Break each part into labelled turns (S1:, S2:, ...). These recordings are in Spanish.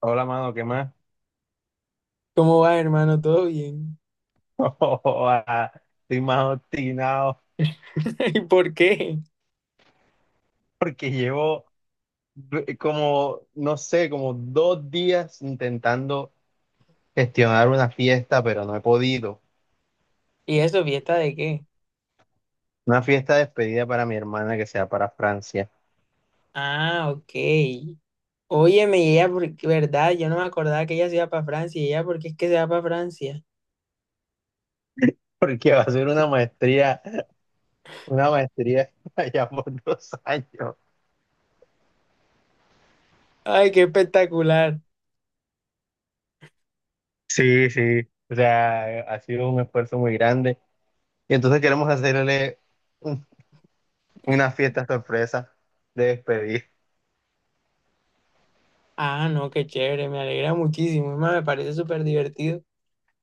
S1: Hola, mano, ¿qué más?
S2: ¿Cómo va, hermano? ¿Todo bien?
S1: Joda, estoy más obstinado
S2: ¿Y por qué?
S1: porque llevo como, no sé, como 2 días intentando gestionar una fiesta, pero no he podido.
S2: ¿Y eso, fiesta de qué?
S1: Una fiesta de despedida para mi hermana que sea para Francia.
S2: Ah, ok. Óyeme, y ella, ¿verdad? Yo no me acordaba que ella se iba para Francia. ¿Y ella por qué es que se va para Francia?
S1: Porque va a ser una maestría allá por 2 años.
S2: Ay, qué espectacular.
S1: Sí, sí, o sea, ha sido un esfuerzo muy grande. Y entonces queremos hacerle un- una fiesta sorpresa de despedida.
S2: Ah, no, qué chévere. Me alegra muchísimo. Es más, me parece súper divertido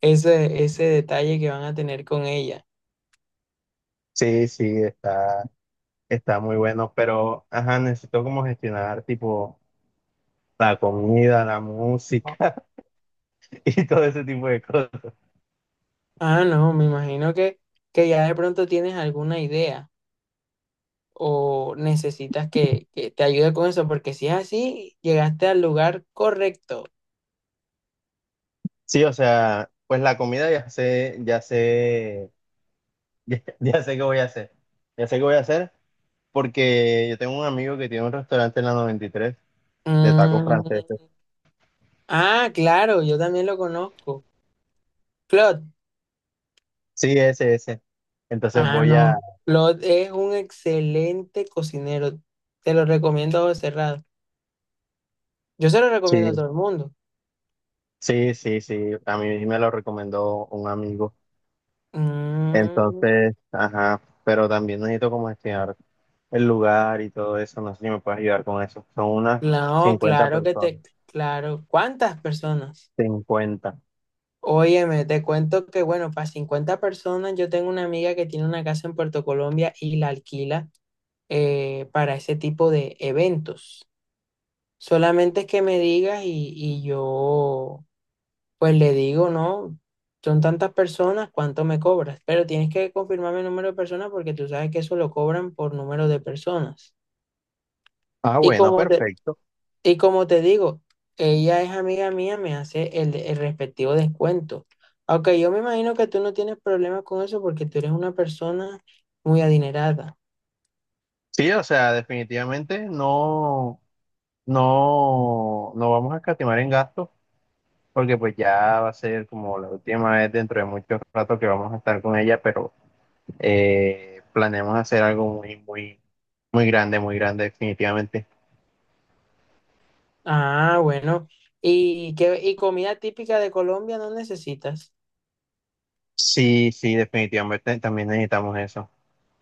S2: ese detalle que van a tener con ella.
S1: Sí, sí, Está muy bueno, pero ajá, necesito como gestionar tipo la comida, la música y todo ese tipo de cosas.
S2: Ah, no, me imagino que ya de pronto tienes alguna idea, o necesitas que te ayude con eso, porque si es así, llegaste al lugar correcto.
S1: Sí, o sea, pues la comida ya sé, ya sé qué voy a hacer. Ya sé qué voy a hacer porque yo tengo un amigo que tiene un restaurante en la 93 de tacos
S2: Mm.
S1: franceses.
S2: Ah, claro, yo también lo conozco. Claude.
S1: Sí, ese, ese. Entonces
S2: Ah,
S1: voy a.
S2: no. Claude es un excelente cocinero. Te lo recomiendo a ojos cerrados. Yo se lo
S1: Sí,
S2: recomiendo a todo el mundo.
S1: sí, sí, sí. A mí me lo recomendó un amigo.
S2: Mm,
S1: Entonces, ajá, pero también necesito como gestionar el lugar y todo eso. No sé si me puedes ayudar con eso. Son unas
S2: no,
S1: cincuenta
S2: claro que
S1: personas.
S2: te, claro. ¿Cuántas personas?
S1: 50.
S2: Óyeme, te cuento que, bueno, para 50 personas, yo tengo una amiga que tiene una casa en Puerto Colombia y la alquila, para ese tipo de eventos. Solamente que me digas y yo pues le digo, no, son tantas personas, ¿cuánto me cobras? Pero tienes que confirmarme el número de personas porque tú sabes que eso lo cobran por número de personas.
S1: Ah,
S2: Y
S1: bueno,
S2: como te,
S1: perfecto.
S2: y como te digo, ella es amiga mía, me hace el respectivo descuento. Aunque yo me imagino que tú no tienes problemas con eso porque tú eres una persona muy adinerada.
S1: Sí, o sea, definitivamente no, no, no vamos a escatimar en gastos, porque pues ya va a ser como la última vez dentro de mucho rato que vamos a estar con ella, pero planeamos hacer algo muy, muy, muy grande, definitivamente.
S2: Ah, bueno. ¿Y qué, y comida típica de Colombia no necesitas?
S1: Sí, sí, definitivamente también necesitamos eso.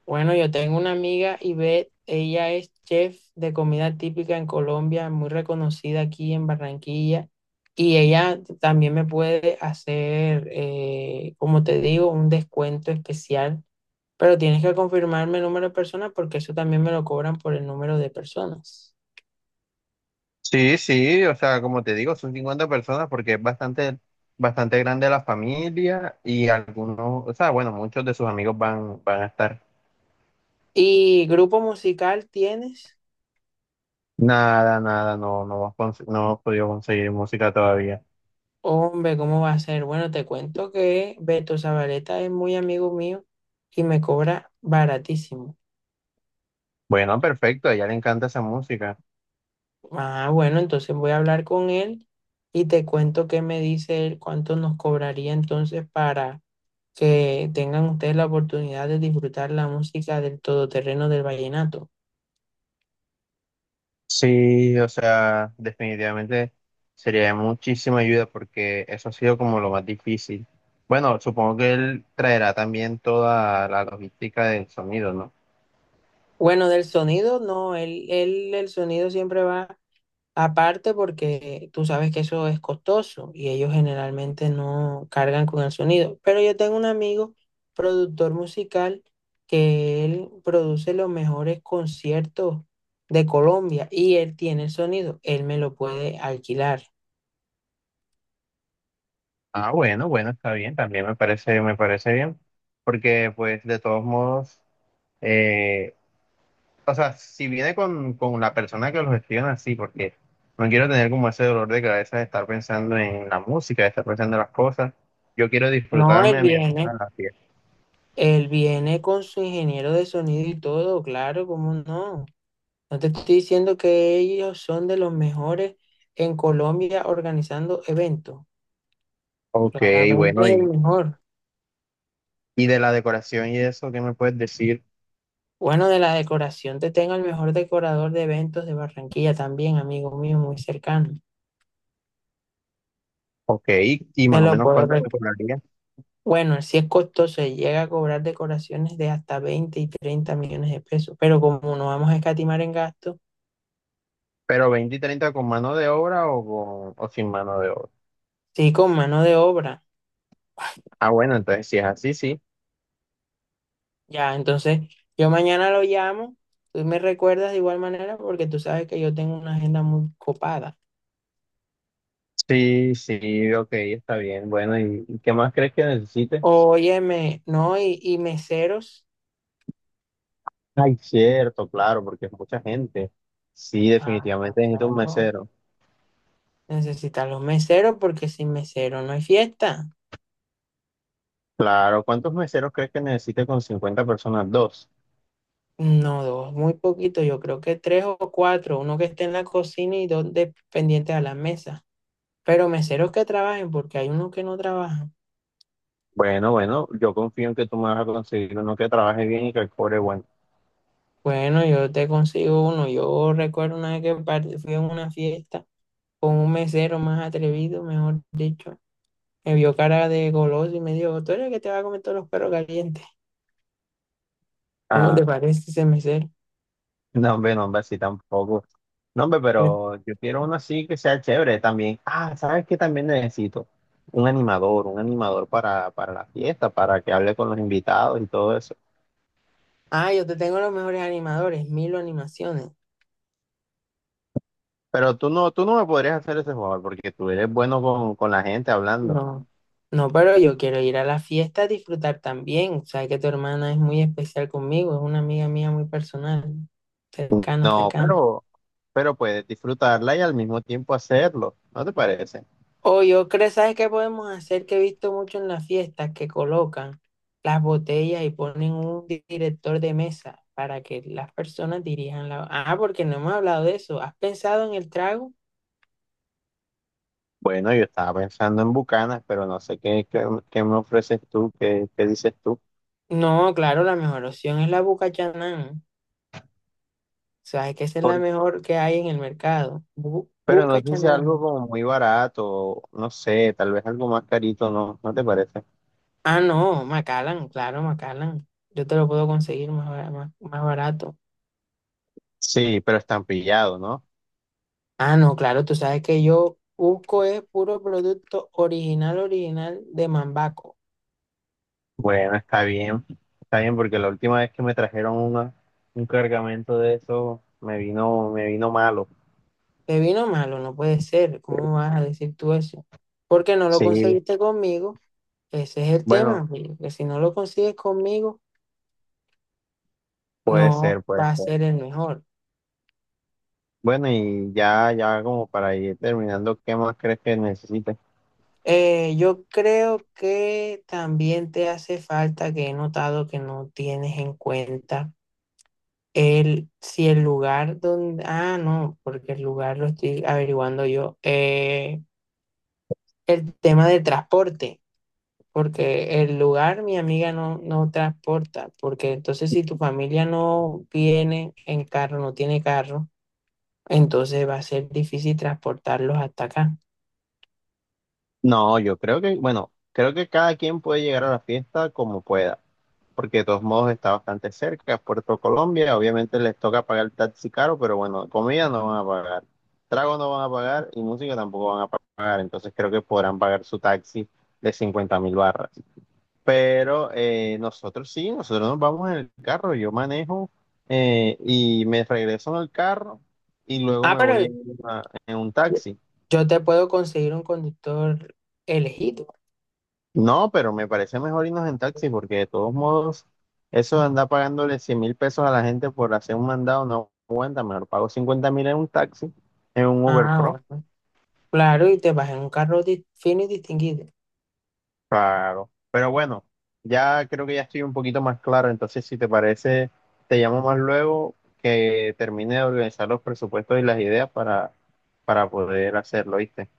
S2: Bueno, yo tengo una amiga, Ivette, ella es chef de comida típica en Colombia, muy reconocida aquí en Barranquilla, y ella también me puede hacer, como te digo, un descuento especial, pero tienes que confirmarme el número de personas porque eso también me lo cobran por el número de personas.
S1: Sí, sí, o sea, como te digo, son 50 personas porque es bastante, bastante grande la familia y algunos, o sea, bueno, muchos de sus amigos van a estar.
S2: ¿Y grupo musical tienes?
S1: Nada, nada, no, no hemos podido conseguir música todavía.
S2: Hombre, ¿cómo va a ser? Bueno, te cuento que Beto Zabaleta es muy amigo mío y me cobra baratísimo.
S1: Bueno, perfecto, a ella le encanta esa música.
S2: Ah, bueno, entonces voy a hablar con él y te cuento qué me dice él, cuánto nos cobraría entonces para que tengan ustedes la oportunidad de disfrutar la música del todoterreno del vallenato.
S1: Sí, o sea, definitivamente sería de muchísima ayuda porque eso ha sido como lo más difícil. Bueno, supongo que él traerá también toda la logística del sonido, ¿no?
S2: Bueno, del sonido, no, el sonido siempre va aparte porque tú sabes que eso es costoso y ellos generalmente no cargan con el sonido. Pero yo tengo un amigo, productor musical, que él produce los mejores conciertos de Colombia y él tiene el sonido, él me lo puede alquilar.
S1: Ah, bueno, bueno, está bien, también me parece bien, porque pues de todos modos, eh, o sea, si viene con, la persona que los gestiona, sí, porque no quiero tener como ese dolor de cabeza de estar pensando en la música, de estar pensando en las cosas, yo quiero
S2: No, él
S1: disfrutarme a mi hermana
S2: viene,
S1: en la fiesta.
S2: él viene con su ingeniero de sonido y todo, claro, ¿cómo no? No te estoy diciendo que ellos son de los mejores en Colombia organizando eventos.
S1: Ok,
S2: Claramente
S1: bueno,
S2: es el
S1: y,
S2: mejor.
S1: y de la decoración y eso, ¿qué me puedes decir?
S2: Bueno, de la decoración te tengo el mejor decorador de eventos de Barranquilla también, amigo mío, muy cercano.
S1: Ok, y
S2: Te
S1: más o
S2: lo
S1: menos
S2: puedo...
S1: cuánto me cobraría,
S2: Bueno, si es costoso, y llega a cobrar decoraciones de hasta 20 y 30 millones de pesos, pero como no vamos a escatimar en gastos,
S1: pero 20 y 30 con mano de obra o sin mano de obra.
S2: sí, con mano de obra.
S1: Ah, bueno, entonces si es así, sí.
S2: Ya, entonces yo mañana lo llamo, tú me recuerdas de igual manera porque tú sabes que yo tengo una agenda muy copada.
S1: Sí, sí, ok, está bien. Bueno, ¿y qué más crees que necesite?
S2: Óyeme, no, y meseros.
S1: Ay, cierto, claro, porque es mucha gente. Sí,
S2: Ah,
S1: definitivamente necesito un
S2: claro.
S1: mesero.
S2: Necesitan los meseros porque sin mesero no hay fiesta.
S1: Claro, ¿cuántos meseros crees que necesite con 50 personas? Dos.
S2: No, dos, muy poquito, yo creo que tres o cuatro, uno que esté en la cocina y dos pendientes a la mesa. Pero meseros que trabajen porque hay unos que no trabajan.
S1: Bueno, bueno, yo confío en que tú me vas a conseguir uno que trabaje bien y que cobre bueno.
S2: Bueno, yo te consigo uno. Yo recuerdo una vez que fui a una fiesta con un mesero más atrevido, mejor dicho. Me vio cara de goloso y me dijo, tú eres el que te va a comer todos los perros calientes. ¿Cómo te
S1: Ah,
S2: parece ese mesero?
S1: no, hombre, no, hombre, así tampoco. No, hombre,
S2: Eh,
S1: pero yo quiero uno así que sea chévere también. Ah, ¿sabes qué también necesito? Un animador para la fiesta, para que hable con los invitados y todo eso.
S2: Ah, yo te tengo los mejores animadores, Milo Animaciones.
S1: Pero tú no me podrías hacer ese jugador porque tú eres bueno con la gente hablando.
S2: No, no, pero yo quiero ir a la fiesta a disfrutar también. Sabes que tu hermana es muy especial conmigo, es una amiga mía muy personal, cercana,
S1: No,
S2: cercana.
S1: pero puedes disfrutarla y al mismo tiempo hacerlo, ¿no te parece?
S2: O yo creo, ¿sabes qué podemos hacer? Que he visto mucho en las fiestas que colocan las botellas y ponen un director de mesa para que las personas dirijan la... Ah, porque no hemos hablado de eso. ¿Has pensado en el trago?
S1: Bueno, yo estaba pensando en Bucanas, pero no sé qué, qué me ofreces tú, qué, qué dices tú.
S2: No, claro, la mejor opción es la Bucachanán. Sabes que esa es la
S1: Por-
S2: mejor que hay en el mercado. Bu
S1: pero no sé si algo
S2: Bucachanán.
S1: como muy barato, no sé, tal vez algo más carito, ¿no? ¿No te parece?
S2: Ah, no, Macallan, claro, Macallan. Yo te lo puedo conseguir más barato.
S1: Sí, pero estampillado, ¿no?
S2: Ah, no, claro, tú sabes que yo busco es puro producto original, original de Mambaco.
S1: Bueno, está bien porque la última vez que me trajeron un cargamento de eso me vino malo.
S2: Te vino malo, no puede ser. ¿Cómo vas a decir tú eso? Porque no lo
S1: Sí,
S2: conseguiste conmigo. Ese es el
S1: bueno,
S2: tema, Julio, que si no lo consigues conmigo,
S1: puede
S2: no
S1: ser, puede
S2: va a
S1: ser.
S2: ser el mejor.
S1: Bueno, y ya como para ir terminando, ¿qué más crees que necesites?
S2: Yo creo que también te hace falta que he notado que no tienes en cuenta. El, si el lugar donde... Ah, no, porque el lugar lo estoy averiguando yo. El tema del transporte, porque el lugar mi amiga no, no transporta, porque entonces si tu familia no viene en carro, no tiene carro, entonces va a ser difícil transportarlos hasta acá.
S1: No, yo creo que, bueno, creo que cada quien puede llegar a la fiesta como pueda, porque de todos modos está bastante cerca, Puerto Colombia, obviamente les toca pagar el taxi caro, pero bueno, comida no van a pagar, trago no van a pagar y música tampoco van a pagar, entonces creo que podrán pagar su taxi de 50.000 barras. Pero nosotros sí, nosotros nos vamos en el carro, yo manejo y me regreso en el carro y luego
S2: Ah,
S1: me voy
S2: pero
S1: en un taxi.
S2: yo te puedo conseguir un conductor elegido.
S1: No, pero me parece mejor irnos en taxi porque de todos modos eso de andar pagándole 100.000 pesos a la gente por hacer un mandado no aguanta, mejor pago 50.000 en un taxi, en un Uber
S2: Ah,
S1: Pro.
S2: bueno. Claro, y te vas en un carro fino y distinguido.
S1: Claro, pero bueno, ya creo que ya estoy un poquito más claro, entonces si te parece, te llamo más luego que termine de organizar los presupuestos y las ideas para, poder hacerlo, ¿viste?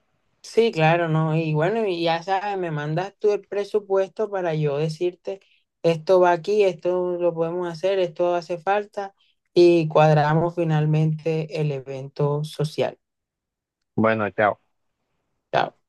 S2: Sí, claro, no. Y bueno, y ya sabes, me mandas tú el presupuesto para yo decirte, esto va aquí, esto lo podemos hacer, esto hace falta y cuadramos finalmente el evento social.
S1: Bueno, chao.
S2: Chao.